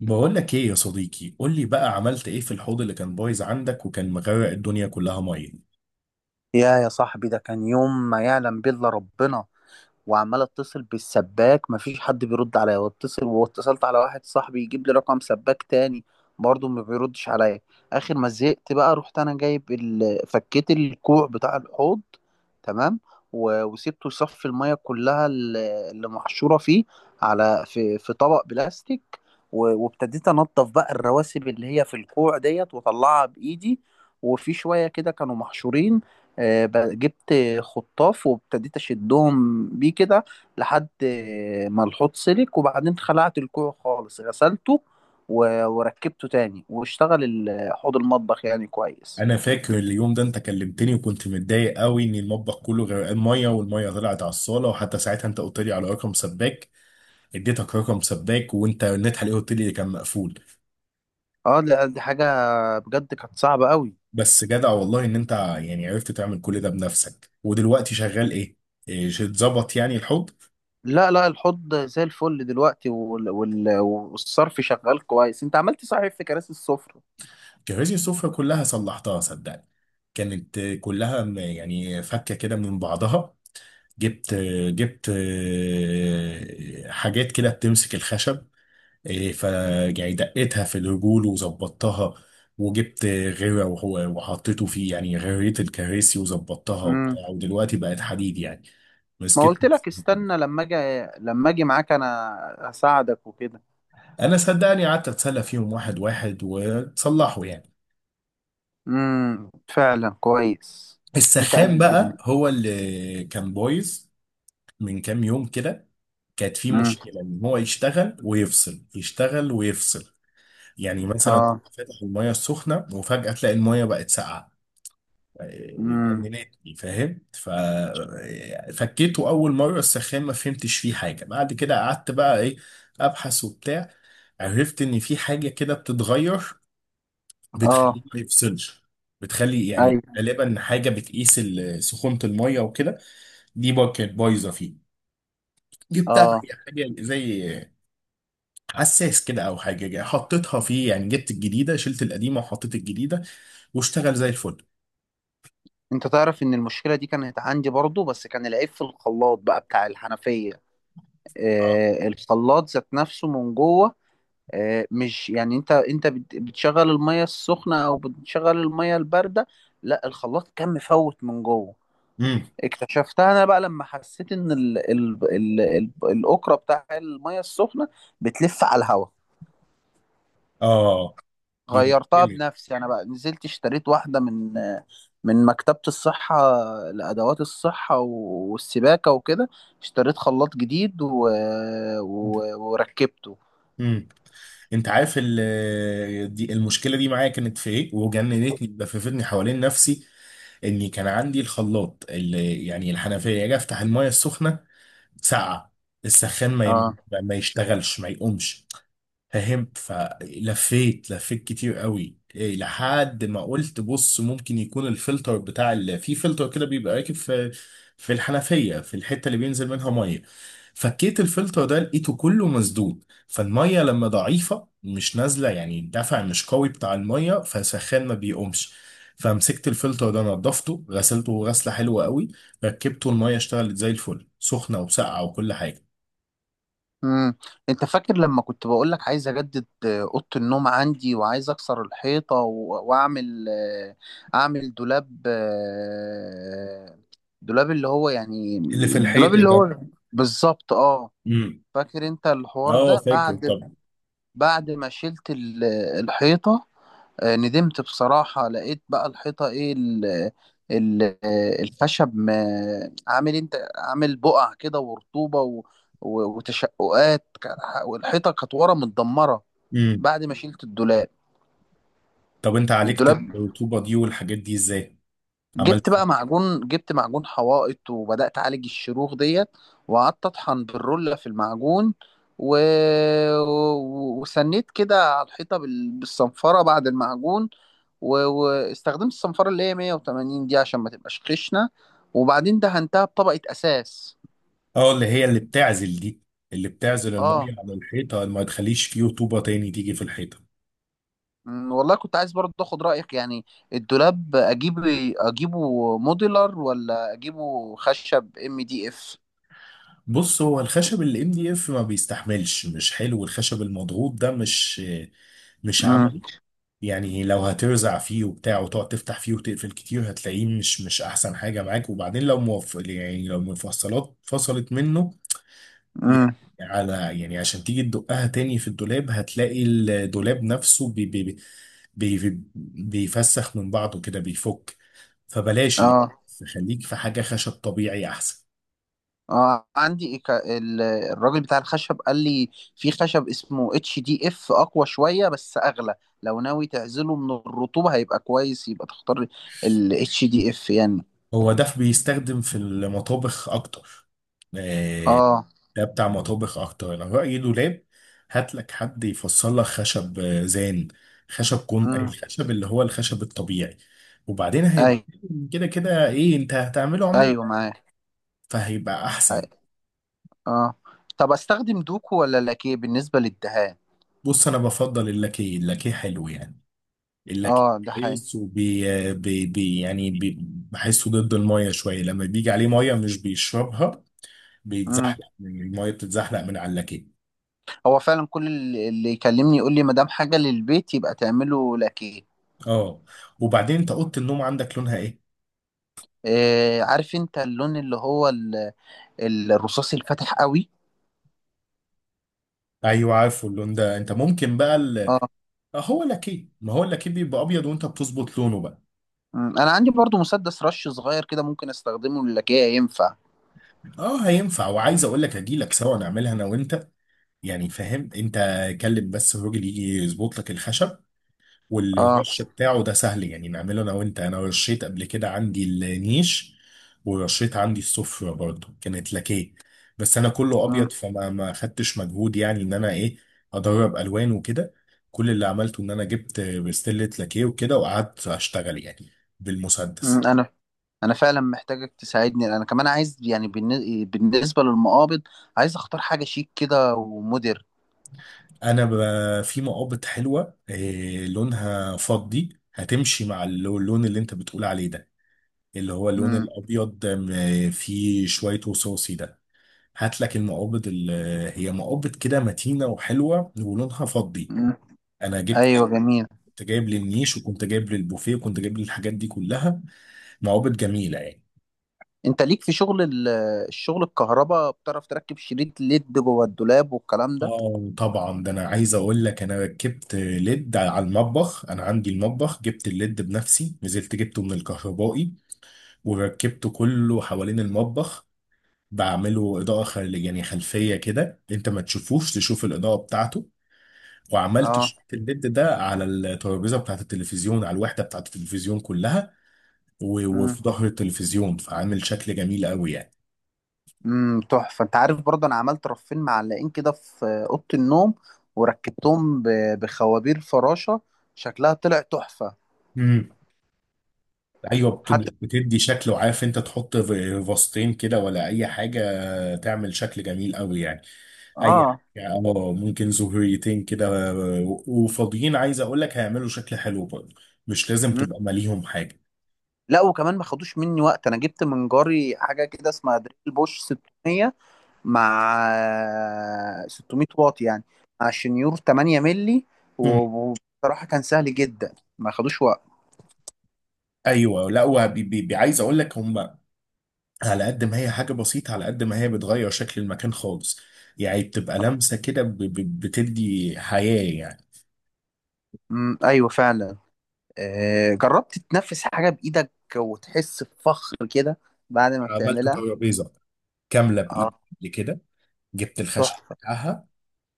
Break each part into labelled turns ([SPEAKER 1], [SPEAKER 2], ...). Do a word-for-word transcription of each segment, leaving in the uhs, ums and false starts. [SPEAKER 1] بقول لك ايه يا صديقي؟ قول لي بقى، عملت ايه في الحوض اللي كان بايظ عندك وكان مغرق الدنيا كلها ميه؟
[SPEAKER 2] يا يا صاحبي، ده كان يوم ما يعلم به الا ربنا. وعمال اتصل بالسباك، مفيش حد بيرد عليا، واتصل واتصلت على واحد صاحبي يجيب لي رقم سباك تاني. برضه ما بيردش عليا. اخر ما زهقت بقى رحت انا جايب ال... فكيت الكوع بتاع الحوض. تمام. و... وسبته يصفي الميه كلها ال- اللي محشوره فيه، على في, في طبق بلاستيك. و... وابتديت انضف بقى الرواسب اللي هي في الكوع ديت، واطلعها بايدي، وفي شويه كده كانوا محشورين. آه، ب- جبت خطاف وابتديت اشدهم بيه كده، لحد ما الحوض سلك. وبعدين خلعت الكوع خالص، غسلته، و- وركبته تاني، واشتغل ال- حوض المطبخ يعني كويس.
[SPEAKER 1] انا فاكر اليوم ده، انت كلمتني وكنت متضايق قوي ان المطبخ كله غرقان ميه والميه طلعت على الصاله، وحتى ساعتها انت قلت لي على رقم سباك. اديتك رقم سباك وانت رنيت عليه، قلت لي كان مقفول.
[SPEAKER 2] اه لا، دي حاجة بجد كانت صعبة قوي.
[SPEAKER 1] بس جدع والله ان انت يعني عرفت تعمل كل ده بنفسك. ودلوقتي شغال ايه؟ إيه، اتظبط يعني الحوض؟
[SPEAKER 2] لا لا، الحوض زي الفل دلوقتي، وال... وال... والصرف شغال كويس. انت عملت صحيح في كراسي السفرة.
[SPEAKER 1] جهزي السفرة كلها، صلحتها صدقني. كانت كلها م- يعني فكة كده من بعضها. جبت جبت آه، حاجات كده بتمسك الخشب. فيعني دقيتها في الرجول وظبطتها. وجبت غيرة وهو- وحطيته فيه، يعني غيريت الكراسي وظبطتها
[SPEAKER 2] امم.
[SPEAKER 1] وبتاع، ودلوقتي بقت حديد يعني.
[SPEAKER 2] ما
[SPEAKER 1] مسكت.
[SPEAKER 2] قلت لك استنى لما اجي، لما اجي معاك انا، هساعدك وكده.
[SPEAKER 1] انا صدقني قعدت اتسلى فيهم واحد واحد وتصلحوا يعني.
[SPEAKER 2] امم، فعلا كويس. انت قد
[SPEAKER 1] السخان بقى
[SPEAKER 2] الدنيا.
[SPEAKER 1] هو اللي كان بايظ. من كام يوم كده، كانت فيه
[SPEAKER 2] امم.
[SPEAKER 1] مشكلة ان هو يشتغل ويفصل، يشتغل ويفصل. يعني مثلا
[SPEAKER 2] اه.
[SPEAKER 1] تبقى فاتح المية السخنة وفجأة تلاقي المية بقت ساقعة.
[SPEAKER 2] امم.
[SPEAKER 1] جننتني، فاهم؟ ففكيته أول مرة السخان، ما فهمتش فيه حاجة. بعد كده قعدت بقى إيه، أبحث وبتاع. عرفت إن في حاجة كده بتتغير، بتخليه
[SPEAKER 2] اه.
[SPEAKER 1] ما يفصلش. بتخلي يعني
[SPEAKER 2] ايوه.
[SPEAKER 1] غالبا حاجة بتقيس ال- سخونة المية وكده. دي بقى كانت بايظة فيه. جبتها،
[SPEAKER 2] اه.
[SPEAKER 1] هي حاجة زي حساس كده أو حاجة، حطيتها فيه، يعني جبت الجديدة شلت القديمة وحطيت الجديدة. واشتغل زي الفل.
[SPEAKER 2] انت تعرف ان المشكله دي كانت عندي برضو، بس كان العيب في الخلاط بقى بتاع الحنفيه.
[SPEAKER 1] اه.
[SPEAKER 2] آه، الخلاط ذات نفسه من جوه. آه، مش يعني انت انت بت- بتشغل الميه السخنه او بتشغل الميه البارده. لا، الخلاط كان مفوت من جوه.
[SPEAKER 1] امم.
[SPEAKER 2] اكتشفتها انا بقى لما حسيت ان ال ال ال ال الاكره بتاع الميه السخنه بتلف على الهواء.
[SPEAKER 1] اه، دي
[SPEAKER 2] غيرتها
[SPEAKER 1] مشكله.
[SPEAKER 2] بنفسي انا بقى، نزلت اشتريت واحده من من مكتبة الصحة، لأدوات الصحة و- والسباكة وكده. اشتريت خلاط جديد و... و... وركبته.
[SPEAKER 1] امم انت عارف، ال- دي المشكله دي معايا كانت في ايه وجننتني، لففتني حوالين نفسي. اني كان عندي الخلاط اللي يعني الحنفيه، اجي افتح المايه السخنه، ساقعه. السخان ما
[SPEAKER 2] اه.
[SPEAKER 1] يم- ما يشتغلش ما يقومش. فهمت؟ فلفيت لفيت كتير قوي إيه لحد ما قلت بص، ممكن يكون الفلتر بتاع ال... في فلتر كده بيبقى راكب في، في الحنفيه، في الحته اللي بينزل منها ميه. فكيت الفلتر ده لقيته كله مسدود، فالميه لما ضعيفه مش نازله، يعني الدفع مش قوي بتاع الميه، فسخان ما بيقومش. فمسكت الفلتر ده نضفته، غسلته غسله حلوه قوي. ركبته، الميه اشتغلت زي الفل، سخنه وساقعه وكل حاجه.
[SPEAKER 2] امم. انت فاكر لما كنت بقول لك عايز اجدد، آه، اوضه النوم عندي، وعايز اكسر الحيطه و... واعمل، آه، اعمل دولاب، آه، دولاب اللي هو يعني
[SPEAKER 1] اللي في
[SPEAKER 2] الدولاب
[SPEAKER 1] الحيط
[SPEAKER 2] اللي
[SPEAKER 1] ده؟
[SPEAKER 2] هو، بالظبط اه.
[SPEAKER 1] امم.
[SPEAKER 2] فاكر انت الحوار
[SPEAKER 1] اه
[SPEAKER 2] ده؟
[SPEAKER 1] فاكر،
[SPEAKER 2] بعد
[SPEAKER 1] طب.
[SPEAKER 2] بعد ما شلت ال- الحيطة، آه، ندمت بصراحة. لقيت بقى الحيطة ايه، ال ال آه، الخشب ما- عامل، انت عامل بقع كده، ورطوبة و- و- وتشققات ك- والحيطة كانت ورا متدمرة،
[SPEAKER 1] امم.
[SPEAKER 2] بعد ما شلت الدولاب.
[SPEAKER 1] طب انت عالجت
[SPEAKER 2] الدولاب،
[SPEAKER 1] الرطوبه دي والحاجات دي ازاي؟
[SPEAKER 2] جبت
[SPEAKER 1] عملت إيه؟
[SPEAKER 2] بقى معجون، جبت معجون حوائط، وبدأت أعالج الشروخ ديت. وقعدت أطحن بالرولة في المعجون، و... و- وسنيت كده على الحيطة بال... بالصنفرة بعد المعجون. و... واستخدمت الصنفرة اللي هي مية وتمانين دي، عشان ما تبقاش خشنة. وبعدين دهنتها بطبقة أساس.
[SPEAKER 1] اه، اللي هي اللي بتعزل دي. اللي بتعزل
[SPEAKER 2] اه.
[SPEAKER 1] الميه على الحيطه، ما تخليش فيه رطوبه تاني تيجي في الحيطه.
[SPEAKER 2] أمم، والله كنت عايز برضه اخد رأيك يعني. الدولاب، اجيب اجيبه موديلر ولا اجيبه خشب ام دي اف؟
[SPEAKER 1] بص، هو الخشب الام دي اف ما بيستحملش، مش حلو الخشب المضغوط ده، مش مش
[SPEAKER 2] امم.
[SPEAKER 1] عملي. يعني لو هترزع فيه وبتاع وتقعد تفتح فيه وتقفل كتير، هتلاقيه مش مش احسن حاجه معاك. وبعدين لو موف... يعني لو المفصلات فصلت منه، يعني،
[SPEAKER 2] امم.
[SPEAKER 1] على يعني، عشان تيجي تدقها تاني في الدولاب، هتلاقي الدولاب نفسه بي بي بي بيفسخ من بعضه كده، بيفك. فبلاش، ليه.
[SPEAKER 2] اه.
[SPEAKER 1] خليك في حاجة خشب طبيعي أحسن.
[SPEAKER 2] اه عندي، إيكا- ال- الراجل بتاع الخشب قال لي في خشب اسمه اتش دي اف، اقوى شويه بس اغلى، لو ناوي تعزله من الرطوبه هيبقى كويس، يبقى تختار ال اتش دي اف يعني.
[SPEAKER 1] هو ده بيستخدم في المطابخ أكتر. آه،
[SPEAKER 2] اه.
[SPEAKER 1] ده بتاع مطابخ أكتر. أنا رأيي دولاب، هات لك حد يفصل لك خشب آه، زان، خشب، كون
[SPEAKER 2] امم.
[SPEAKER 1] الخشب اللي هو الخشب الطبيعي. وبعدين هيبقى
[SPEAKER 2] ايوه.
[SPEAKER 1] كده كده، إيه أنت هتعمله عمود،
[SPEAKER 2] ايوه معاه.
[SPEAKER 1] فهيبقى أحسن.
[SPEAKER 2] اه. طب استخدم دوكو ولا لاكيه بالنسبه للدهان؟
[SPEAKER 1] بص، انا بفضل اللاكيه. اللاكيه حلو يعني. اللاكيه
[SPEAKER 2] اه ده حقيقي.
[SPEAKER 1] كويس، وبي بي بي يعني بي بحسه ضد الميه شويه، لما بيجي عليه ميه مش بيشربها.
[SPEAKER 2] امم.
[SPEAKER 1] بيتزحلق الميه بتتزحلق من على اللاكيه.
[SPEAKER 2] هو فعلا كل اللي اللي يكلمني يقول لي ما دام حاجه للبيت يبقى تعمله لاكيه.
[SPEAKER 1] اه، وبعدين انت اوضه النوم عندك لونها ايه؟
[SPEAKER 2] آه عارف انت اللون اللي هو ال- الرصاصي الفاتح قوي.
[SPEAKER 1] ايوه، عارفه اللون ده. انت ممكن بقى ال...
[SPEAKER 2] آه.
[SPEAKER 1] آه، هو لاكيه، ما هو اللاكيه بيبقى ابيض وانت بتظبط لونه بقى.
[SPEAKER 2] مم. انا عندي برضو مسدس رش صغير كده، ممكن استخدمه للكاية، ينفع؟
[SPEAKER 1] اه هينفع، وعايز اقول لك اجي لك سوا نعملها انا وانت. يعني فاهم انت؟ كلم بس الراجل يجي يظبط لك الخشب،
[SPEAKER 2] اه.
[SPEAKER 1] والرش بتاعه ده سهل، يعني نعمله انا وانت. انا رشيت قبل كده عندي النيش، ورشيت عندي الصفر برضه، كانت لكيه. بس انا كله
[SPEAKER 2] مم.
[SPEAKER 1] ابيض، فما ما خدتش مجهود، يعني ان انا ايه، ادرب الوان وكده. كل اللي عملته ان انا جبت بستلة لكيه وكده وقعدت اشتغل يعني،
[SPEAKER 2] مم.
[SPEAKER 1] بالمسدس.
[SPEAKER 2] انا انا فعلا محتاجك تساعدني. انا كمان عايز يعني بالن- بالنسبة للمقابض، عايز اختار حاجة شيك كده ومودر.
[SPEAKER 1] انا ب- في مقابض حلوه إيه لونها فضي، هتمشي مع اللو- اللون اللي انت بتقول عليه ده، اللي هو اللون
[SPEAKER 2] مم.
[SPEAKER 1] الابيض م- فيه شويه رصاصي ده. هات لك المقابض ال- هي مقابض كده متينه وحلوه ولونها فضي.
[SPEAKER 2] مم.
[SPEAKER 1] انا جبت
[SPEAKER 2] ايوه جميل.
[SPEAKER 1] كنت جايب للنيش، وكنت جايب للبوفيه، وكنت جايب للحاجات دي كلها. مقابض جميله يعني.
[SPEAKER 2] انت ليك في شغل ال- الشغل الكهرباء؟ بتعرف تركب شريط ليد جوه الدولاب والكلام ده؟
[SPEAKER 1] اه طبعا، ده انا عايز اقول لك انا ركبت ليد على المطبخ. انا عندي المطبخ جبت الليد بنفسي، نزلت جبته من الكهربائي، وركبته كله حوالين المطبخ. بعمله اضاءه خل... يعني خلفيه كده، انت ما تشوفوش، تشوف الاضاءه بتاعته. وعملت
[SPEAKER 2] اه.
[SPEAKER 1] شريط الليد ده على الترابيزه بتاعت التلفزيون، على الوحده بتاعت التلفزيون كلها، و-
[SPEAKER 2] مم.
[SPEAKER 1] وفي ظهر التلفزيون، فعامل شكل جميل قوي يعني.
[SPEAKER 2] امم تحفه. انت عارف برضه انا عملت رفين معلقين كده في اوضه النوم، وركبتهم ب- بخوابير فراشه، شكلها طلع تحفه.
[SPEAKER 1] امم، ايوه، بت-
[SPEAKER 2] حتى
[SPEAKER 1] بتدي شكل. وعارف انت تحط ف- فاستين كده ولا اي حاجه، تعمل شكل جميل قوي يعني. اي
[SPEAKER 2] اه.
[SPEAKER 1] حاجه، اه ممكن زهريتين كده، و- وفاضيين، عايز اقول لك هيعملوا شكل حلو برضه. مش لازم
[SPEAKER 2] مم.
[SPEAKER 1] تبقى ماليهم حاجه.
[SPEAKER 2] لا، وكمان ما خدوش مني وقت. انا جبت من جاري حاجه كده اسمها دريل بوش ست مية، مع ست مية واط يعني، مع شنيور تمنية ملي.
[SPEAKER 1] امم،
[SPEAKER 2] و- وبصراحه كان سهل جدا، ما خدوش وقت.
[SPEAKER 1] ايوه، لا وعايز اقول لك، هم على قد ما هي حاجة بسيطة على قد ما هي بتغير شكل المكان خالص. يعني بتبقى لمسة كده، ب- ب- بتدي حياة يعني.
[SPEAKER 2] امم ايوه فعلا. آه جربت تنفس حاجه بايدك وتحس بفخر كده بعد ما
[SPEAKER 1] عملت
[SPEAKER 2] بتعملها.
[SPEAKER 1] ترابيزة كاملة
[SPEAKER 2] اه.
[SPEAKER 1] بإيدي قبل كده. جبت الخشب
[SPEAKER 2] تحفة.
[SPEAKER 1] بتاعها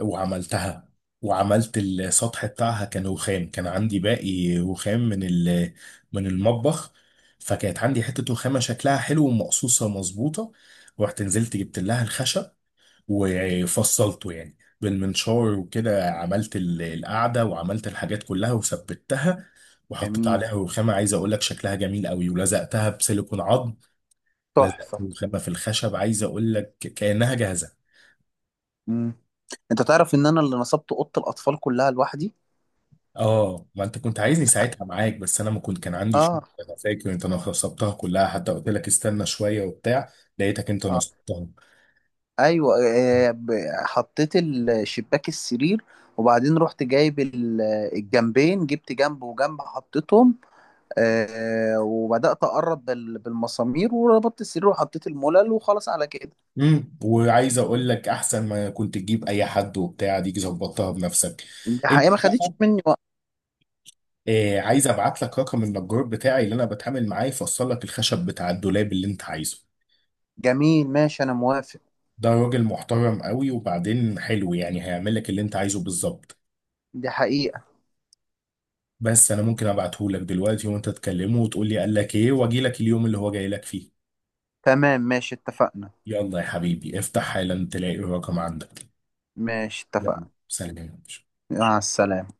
[SPEAKER 1] وعملتها، وعملت السطح بتاعها كان رخام، كان عندي باقي رخام من ال- من المطبخ. فكانت عندي حتة رخامة شكلها حلو ومقصوصة مظبوطة. رحت نزلت جبت لها الخشب، وفصلته يعني بالمنشار وكده، عملت ال- القعدة وعملت الحاجات كلها وثبتها. وحطيت
[SPEAKER 2] جميل.
[SPEAKER 1] عليها رخامة، عايز اقول لك شكلها جميل قوي، ولزقتها بسيليكون عظم. لزقت
[SPEAKER 2] تحفة.
[SPEAKER 1] رخامة في الخشب، عايز اقول لك كأنها جاهزة.
[SPEAKER 2] مم. انت تعرف ان انا اللي نصبت اوضه الاطفال كلها لوحدي.
[SPEAKER 1] اه، ما انت كنت عايزني ساعتها معاك بس انا ما كنت كان عندي شغل.
[SPEAKER 2] اه.
[SPEAKER 1] انا فاكر انت نصبتها كلها، حتى قلت لك استنى شوية وبتاع، لقيتك انت
[SPEAKER 2] اه.
[SPEAKER 1] نصبتها.
[SPEAKER 2] ايوه. آه، ب- حطيت الشباك السرير، وبعدين رحت جايب ال- الجنبين، جبت جنب وجنب حطيتهم، آه، وبدات اقرب بال- بالمسامير، وربطت السرير، وحطيت الملل، وخلاص على كده.
[SPEAKER 1] امم وعايز اقول لك احسن ما كنت تجيب اي حد وبتاع، ديك ظبطتها بنفسك
[SPEAKER 2] دي
[SPEAKER 1] انت.
[SPEAKER 2] حقيقه ما خدتش مني وقت.
[SPEAKER 1] إيه، عايز ابعت لك رقم النجار بتاعي اللي انا بتعامل معاه، يفصل لك الخشب بتاع الدولاب اللي انت عايزه؟
[SPEAKER 2] جميل، ماشي، انا موافق.
[SPEAKER 1] ده راجل محترم قوي، وبعدين حلو يعني، هيعمل لك اللي انت عايزه بالظبط.
[SPEAKER 2] دي حقيقه.
[SPEAKER 1] بس انا ممكن ابعته لك دلوقتي، وانت تكلمه وتقول لي قال لك ايه، واجي لك اليوم اللي هو جاي لك فيه.
[SPEAKER 2] تمام ماشي اتفقنا.
[SPEAKER 1] يلا يا حبيبي، افتح حالا، تلاقي الرقم عندك.
[SPEAKER 2] ماشي
[SPEAKER 1] يلا،
[SPEAKER 2] اتفقنا.
[SPEAKER 1] سلام.
[SPEAKER 2] مع السلامه.